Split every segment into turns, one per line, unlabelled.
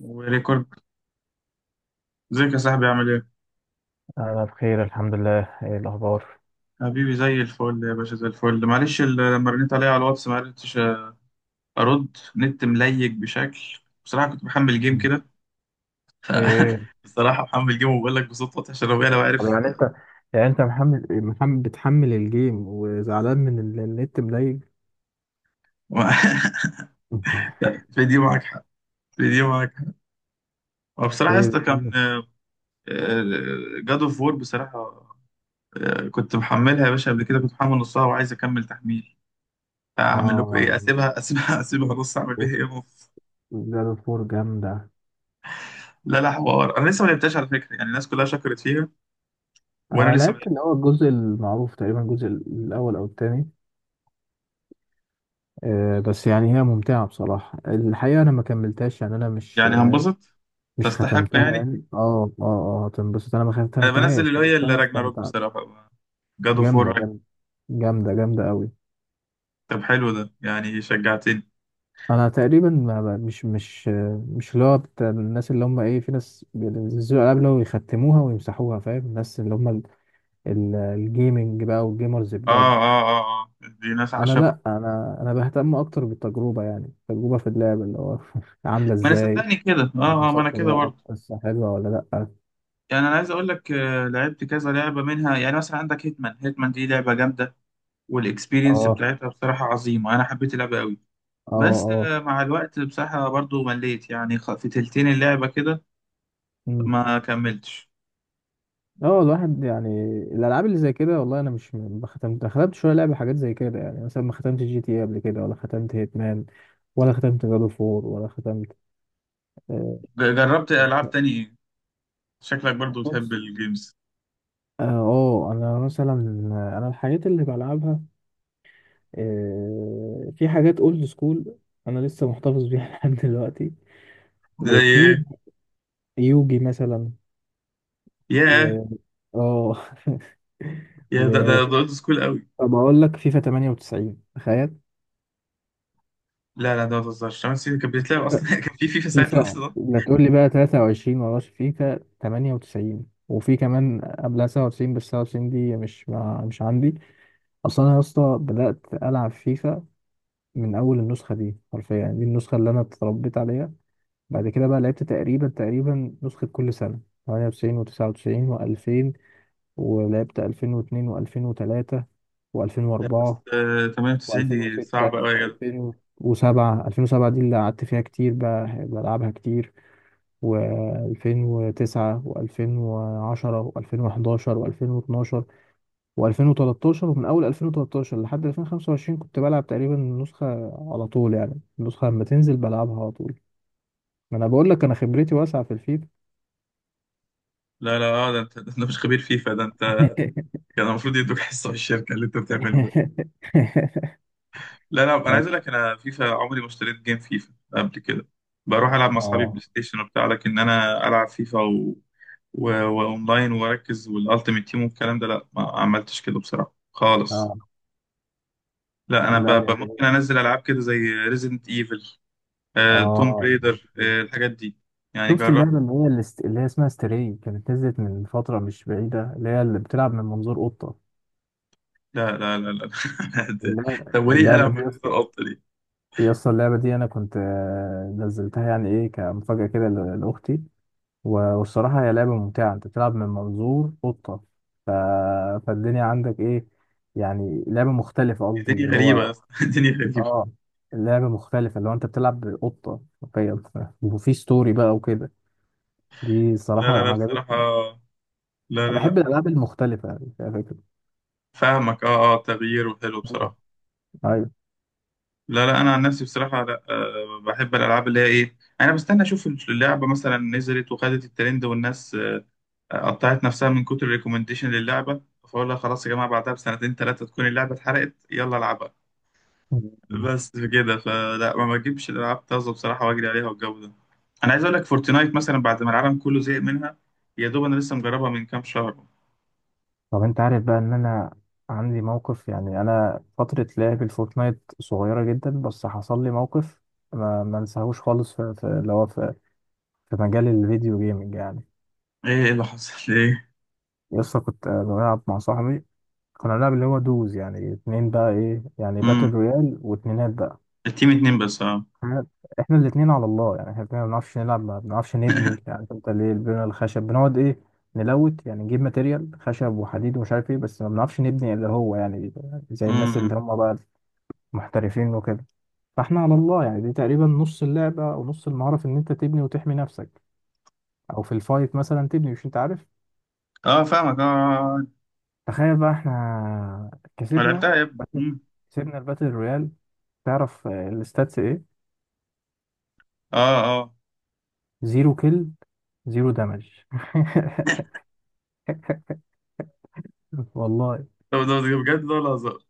وريكورد. ازيك يا صاحبي؟ عامل ايه؟
أنا بخير الحمد لله. إيه الأخبار؟
حبيبي، زي الفل يا باشا، زي الفل. معلش، لما رنيت عليا على الواتس ما عرفتش ارد. نت مليج بشكل. بصراحه كنت محمل جيم
مم.
كده. ف-
إيه.
بصراحه محمل جيم، وبقول لك بصوت واطي عشان ربنا لو انا
طب
بعرف.
يعني انت يعني انت محمل بتحمل الجيم وزعلان من النت، مضايق.
في دي معاك حق، في دي معاك حق. وبصراحه يا
ايه
اسطى، كان
بتحمل؟
جاد اوف وور بصراحه. كنت محملها يا باشا. قبل كده كنت محمل نصها وعايز اكمل تحميل. اعمل لكم
اه.
ايه؟ اسيبها، اسيبها، اسيبها نص؟ اعمل بيها ايه
اوف.
نص؟
زاد فور جامدة.
لا لا، حوار. انا لسه ما لعبتهاش على فكره يعني. الناس كلها شكرت فيها وانا
انا
لسه ما
لعبت
لعبت-
اللي هو الجزء المعروف، تقريبا الجزء الاول او الثاني. آه بس يعني هي ممتعة بصراحة، الحقيقة انا ما كملتهاش يعني، انا مش
يعني هنبسط؟
مش
تستحق
ختمتها
يعني.
يعني. اه اه اه هتنبسط، انا ما
انا بنزل
ختمتهاش
اللي
بس
هي اللي
انا
راجناروك
استمتعت.
بصراحه، جاد اوف وور.
جامدة جامدة. جامدة جامدة قوي.
طب حلو، ده يعني شجعتني.
انا تقريبا مش مش اللي هو بتاع الناس، اللي هم ايه، في ناس بينزلوا العاب اللي هو يختموها ويمسحوها، فاهم؟ الناس اللي هم الجيمنج بقى والجيمرز
اه
بجد.
اه اه اه، دي ناس
انا
عشاقة.
لا، انا بهتم اكتر بالتجربه، يعني التجربه في اللعب اللي هو عامله
ما انا
ازاي.
صدقني كده، اه اه، ما
اتبسطت
انا
ولا
كده
لا؟
برضه.
القصه حلوه ولا لا؟
يعني انا عايز اقول لك، لعبت كذا لعبه منها. يعني مثلا عندك هيتمان، هيتمان دي لعبه جامده. والاكسبيرينس
اه
بتاعتها بصراحه عظيمه. انا حبيت اللعبه قوي. بس
اه
مع الوقت بصراحه برضه مليت، يعني في تلتين اللعبه كده
اه
ما كملتش.
اه الواحد يعني، الالعاب اللي زي كده والله انا مش م- ما ختمت، ختمت شويه لعبه حاجات زي كده، يعني مثلا ما ختمت جي تي إيه قبل كده، ولا ختمت هيتمان، ولا ختمت جادو فور، ولا ختمت. آه،
جربت العاب تاني ايه؟ شكلك برضو بتحب
بص.
الجيمز.
اه، انا مثلا، انا الحاجات اللي بلعبها، في حاجات اولد سكول انا لسه محتفظ بيها لحد دلوقتي.
زي
وفي
ايه؟
يوجي مثلا،
ياه.
و اه
يا ده اولد سكول قوي.
وبقول لك فيفا 98 تخيل.
لا لا، ده ما تهزرش! 8 سنين كانت بتتلعب اصلا. كان في فيفا ساعتها
فيفا
اصلا؟
ده تقول لي بقى 23 وراش؟ فيفا 98، وفي كمان قبلها 97. بس 97 دي مش عندي اصلا. انا يا اسطى بدات العب فيفا من اول النسخه دي حرفيا، يعني دي النسخه اللي انا اتربيت عليها. بعد كده بقى لعبت تقريبا نسخه كل سنه. 98 و99 و2000، ولعبت 2002 و2003
لا بس
و2004
98 دي
و2006
صعبه قوي يا جدع.
و2007. 2007 دي اللي قعدت فيها كتير بقى بلعبها كتير، و2009 و2010 و2011 و2012 و2013. ومن اول 2013 لحد 2025 كنت بلعب تقريبا النسخة على طول، يعني النسخة لما تنزل بلعبها على طول. ما انا بقول لك انا خبرتي واسعة في الفيفا.
لا لا، اه، ده انت، ده انت مش خبير فيفا ده انت. كان المفروض يدوك حصه في الشركه اللي انت بتعمله ده. لا لا، انا عايز اقول لك، انا فيفا عمري ما اشتريت جيم فيفا قبل كده. بروح العب مع اصحابي
اه
بلاي ستيشن وبتاع، لكن انا العب فيفا واونلاين واركز والالتيميت تيم والكلام ده، لا ما عملتش كده بصراحه خالص.
اه.
لا انا
لا هي جميلة.
ممكن انزل العاب كده زي ريزيدنت ايفل، توم
اه،
بريدر، الحاجات دي يعني
شفت
جربت.
اللعبة اللي هي اسمها ستري كانت نزلت من فترة مش بعيدة، اللي بتلعب من منظور قطة؟
لا لا لا لا، لا.
اللعبة,
طب وليه
اللعبة
قلم من
دي يا اسطى،
منظار القط ليه؟
يا اسطى اللعبة دي أنا كنت نزلتها يعني إيه، كمفاجأة كده لأختي. والصراحة هي لعبة ممتعة، أنت بتلعب من منظور قطة. ف- فالدنيا عندك إيه، يعني لعبة مختلفة، قصدي
الدنيا
اللي
غريبه يا
هو
اسطى. الدنيا غريبه.
آه لعبة مختلفة، اللي هو أنت بتلعب بقطة حرفيا. وفي ستوري بقى وكده. دي
لا
الصراحة
لا لا بصراحه.
عجبتني.
لا
أنا
لا
بحب
لا.
الألعاب المختلفة، يعني فيها فكرة.
فاهمك، اه اه، تغيير وحلو
مم.
بصراحه.
أيوه.
لا لا، انا عن نفسي بصراحه، لا، أه، بحب الالعاب اللي هي ايه. انا بستنى اشوف اللعبه مثلا نزلت وخدت الترند والناس قطعت نفسها من كتر الريكومنديشن للعبه، فاقول لها خلاص يا جماعه، بعدها بسنتين ثلاثه تكون اللعبه اتحرقت، يلا العبها.
مم.
بس كده، فلا ما بجيبش الالعاب طازه بصراحه، واجري عليها والجو ده. انا عايز اقول لك، فورتنايت مثلا بعد ما العالم كله زهق منها، يا دوب انا لسه مجربها من كام شهر.
طب انت عارف بقى ان انا عندي موقف؟ يعني انا فترة لعب الفورتنايت صغيرة جدا، بس حصل لي موقف ما انساهوش خالص، في مجال الفيديو جيمنج يعني.
ايه؟ إيه اللي حصل؟ ايه؟
لسه كنت بلعب مع صاحبي، كنا بنلعب اللي هو دوز، يعني اتنين بقى ايه، يعني باتل
امم
رويال واتنينات بقى.
التيم اتنين بس، اه.
احنا احنا الاتنين على الله يعني، احنا الاتنين ما بنعرفش نلعب، ما بنعرفش نبني. يعني انت ليه البنى الخشب بنقعد ايه، نلوت يعني، نجيب ماتيريال خشب وحديد ومش عارف ايه، بس ما بنعرفش نبني اللي هو يعني زي الناس اللي
امم
هم بقى محترفين وكده. فاحنا على الله يعني، دي تقريبا نص اللعبة او نص المهارة في ان انت تبني وتحمي نفسك، او في الفايت مثلا تبني، مش انت عارف؟
اه، فاهمك، اه، آه، آه.
تخيل بقى احنا كسبنا.
لعبتها يا ابني. مم.
كسبنا الباتل رويال. تعرف الستاتس ايه؟
اه، آه.
زيرو كيل، زيرو دامج. والله.
ده بجد، ده ولا هزار؟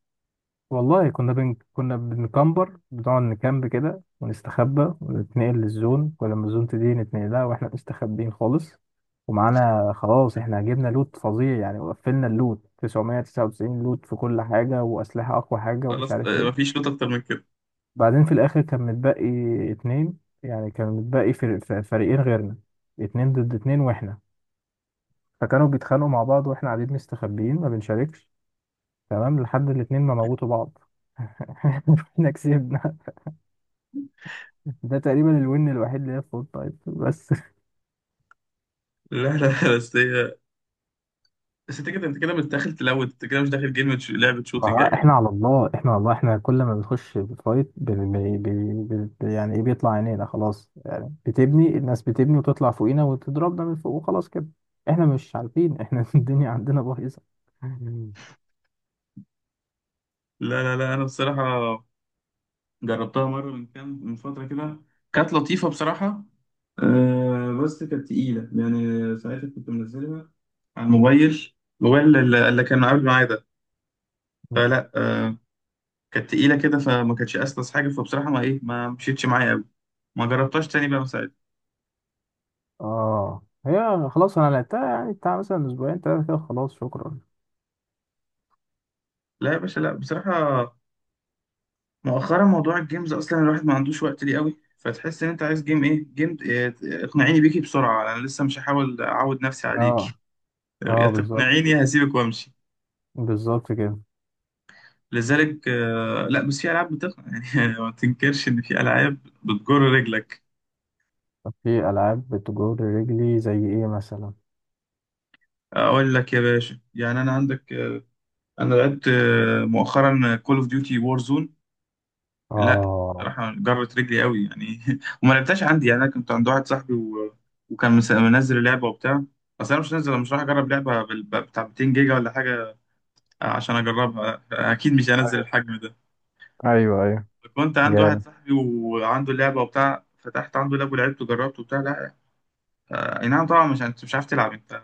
والله كنا بنكمبر، بنقعد نكامب كده ونستخبى ونتنقل للزون، ولما الزون تدي نتنقل لها واحنا مستخبيين خالص، ومعانا خلاص، احنا جبنا لوت فظيع يعني، وقفلنا اللوت 999 لوت في كل حاجة، وأسلحة أقوى حاجة ومش
خلاص،
عارف ايه.
مفيش نقطة أكتر من كده.
بعدين في الآخر كان متبقي اتنين، يعني كان متبقي فريقين غيرنا، اتنين ضد اتنين واحنا. فكانوا بيتخانقوا مع بعض واحنا قاعدين مستخبيين ما بنشاركش، تمام، لحد الاتنين ما موتوا بعض. احنا كسبنا. ده تقريبا الوين الوحيد اللي هي في فول تايم بس.
لا لا، بس أنت كده، أنت كده مش داخل تلوت، أنت كده مش داخل جيم، لعبة شوتينج يا جدع.
احنا على الله، احنا على الله، احنا كل ما بنخش فايت، بي بي بي بي يعني ايه، بيطلع عينينا. خلاص يعني بتبني، الناس بتبني وتطلع فوقينا وتضربنا من فوق، وخلاص كده احنا مش عارفين احنا الدنيا عندنا بايظه.
لا لا لا، أنا بصراحة جربتها مرة من فترة كده. كانت لطيفة بصراحة. آه، بس كانت تقيلة يعني، ساعتها كنت منزلها على الموبايل. الموبايل اللي كان قبل معايا ده. فلا، كانت تقيلة كده، فما كانتش أسلس حاجة. فبصراحة، ما مشيتش معايا أوي. ما جربتهاش تاني بقى من ساعتها.
اه، هي خلاص انا لعبتها يعني بتاع مثلا اسبوعين ثلاثه كده، خلاص شكرا.
لا يا باشا، لا بصراحة، مؤخرا موضوع الجيمز اصلا الواحد ما عندوش وقت ليه قوي. فتحس ان انت عايز جيم ايه، جيم إيه، اقنعيني بيكي بسرعه، انا لسه مش هحاول اعود نفسي عليكي.
اه
يا
اه بالظبط.
تقنعيني، يا هسيبك وامشي.
بالظبط كده.
لذلك لا، بس في العاب بتقنع يعني. ما تنكرش ان في العاب بتجر رجلك.
طب في العاب بتجر رجلي زي ايه مثلا؟
اقول لك يا باشا يعني، انا عندك انا لعبت مؤخرا كول اوف ديوتي وور. لا،
اه.
راح جرت رجلي قوي يعني. وما لعبتهاش عندي يعني، انا كنت عند واحد صاحبي وكان منزل اللعبه وبتاع. بس انا مش نازل، مش راح اجرب لعبه بتاع 200 جيجا ولا حاجه عشان اجربها، اكيد مش هنزل
ايوه.
الحجم ده.
ايوه.
كنت عند واحد
جامد.
صاحبي وعنده اللعبه وبتاع، فتحت عنده لاب ولعبت وجربت وبتاع. لا، اي نعم طبعا، مش عارف تلعب انت.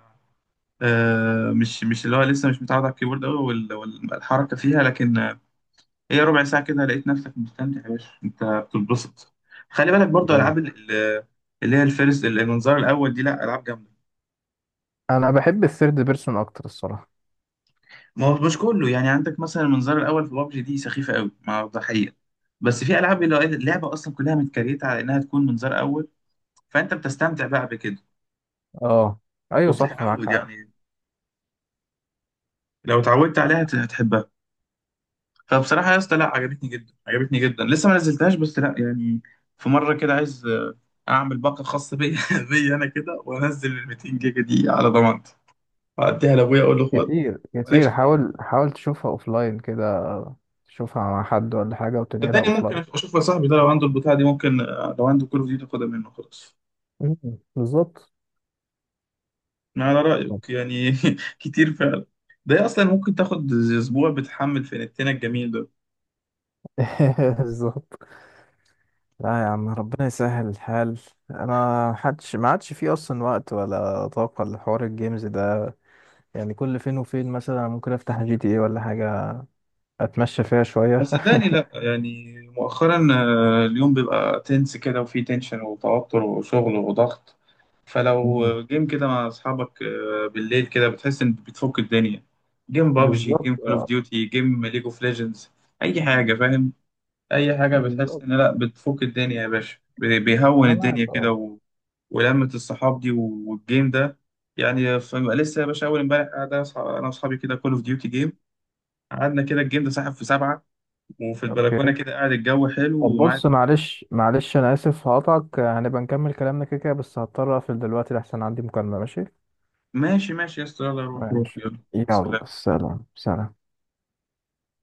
مش اللي هو لسه مش متعود على الكيبورد قوي والحركه فيها، لكن هي ربع ساعة كده لقيت نفسك مستمتع يا باشا، انت بتتبسط. خلي بالك برضو، العاب
جامد.
اللي هي الفيرست، المنظار الاول دي لا العاب جامدة.
انا بحب الثيرد بيرسون اكتر الصراحه.
ما هو مش كله يعني. عندك مثلا المنظار الاول في بابجي دي سخيفة قوي مع الضحية. بس في العاب اللي هو اللعبة اصلا كلها متكريتة على انها تكون منظار اول. فانت بتستمتع بقى بكده.
اه ايوه صح معاك
وبتتعود
حق.
يعني. لو اتعودت عليها، هتحبها. فبصراحة يا اسطى لا، عجبتني جدا، عجبتني جدا. لسه ما نزلتهاش بس لا يعني. في مرة كده عايز أعمل باقة خاصة بيا، بيا أنا كده، وأنزل ال 200 جيجا دي على ضمانتي، وأديها لأبويا أقول له خد.
كتير كتير،
مالكش دعوة.
حاول حاول تشوفها اوفلاين كده، تشوفها مع حد ولا حاجه وتنقلها
صدقني ممكن
اوفلاين.
أشوف يا صاحبي. ده لو عنده البتاعة دي ممكن لو عنده كول أوف ديوتي، أخدها منه خلاص.
مم، بالظبط.
على رأيك يعني. كتير فعلا. ده أصلا ممكن تاخد أسبوع بتحمل في نتنا الجميل ده.
بالظبط. لا يا عم، ربنا يسهل الحال. انا محدش ما عادش فيه اصلا وقت ولا طاقه لحوار الجيمز ده، يعني كل فين وفين مثلا ممكن افتح جي تي اي ولا حاجه، اتمشى فيها
بس
شويه.
صدقني لا يعني، مؤخرا اليوم بيبقى تنس كده، وفيه تنشن وتوتر وشغل وضغط. فلو
مم.
جيم كده مع اصحابك بالليل كده، بتحس ان بتفك الدنيا. جيم بابجي،
بالظبط
جيم كول اوف
اه
ديوتي، جيم ليج اوف ليجندز، اي حاجه، فاهم؟ اي حاجه بتحس
بالظبط.
ان لا بتفك الدنيا يا باشا، بيهون
انا معاك
الدنيا كده
اه.
ولمة الصحاب دي والجيم ده. يعني لسه يا باشا، اول امبارح قاعد انا أنا واصحابي كده، كول اوف ديوتي جيم. قعدنا كده، الجيم ده سحب في سبعه. وفي
اوكي.
البلكونه كده قاعد، الجو حلو
طب
ومعاك.
بص، معلش معلش انا اسف هقطعك، هنبقى نكمل كلامنا كده كده بس، هضطر اقفل دلوقتي لحسن عندي مكالمة. ماشي.
ماشي، ماشي يا اسطى، يلا روح روح،
ماشي
يلا
يلا.
سلام.
سلام سلام.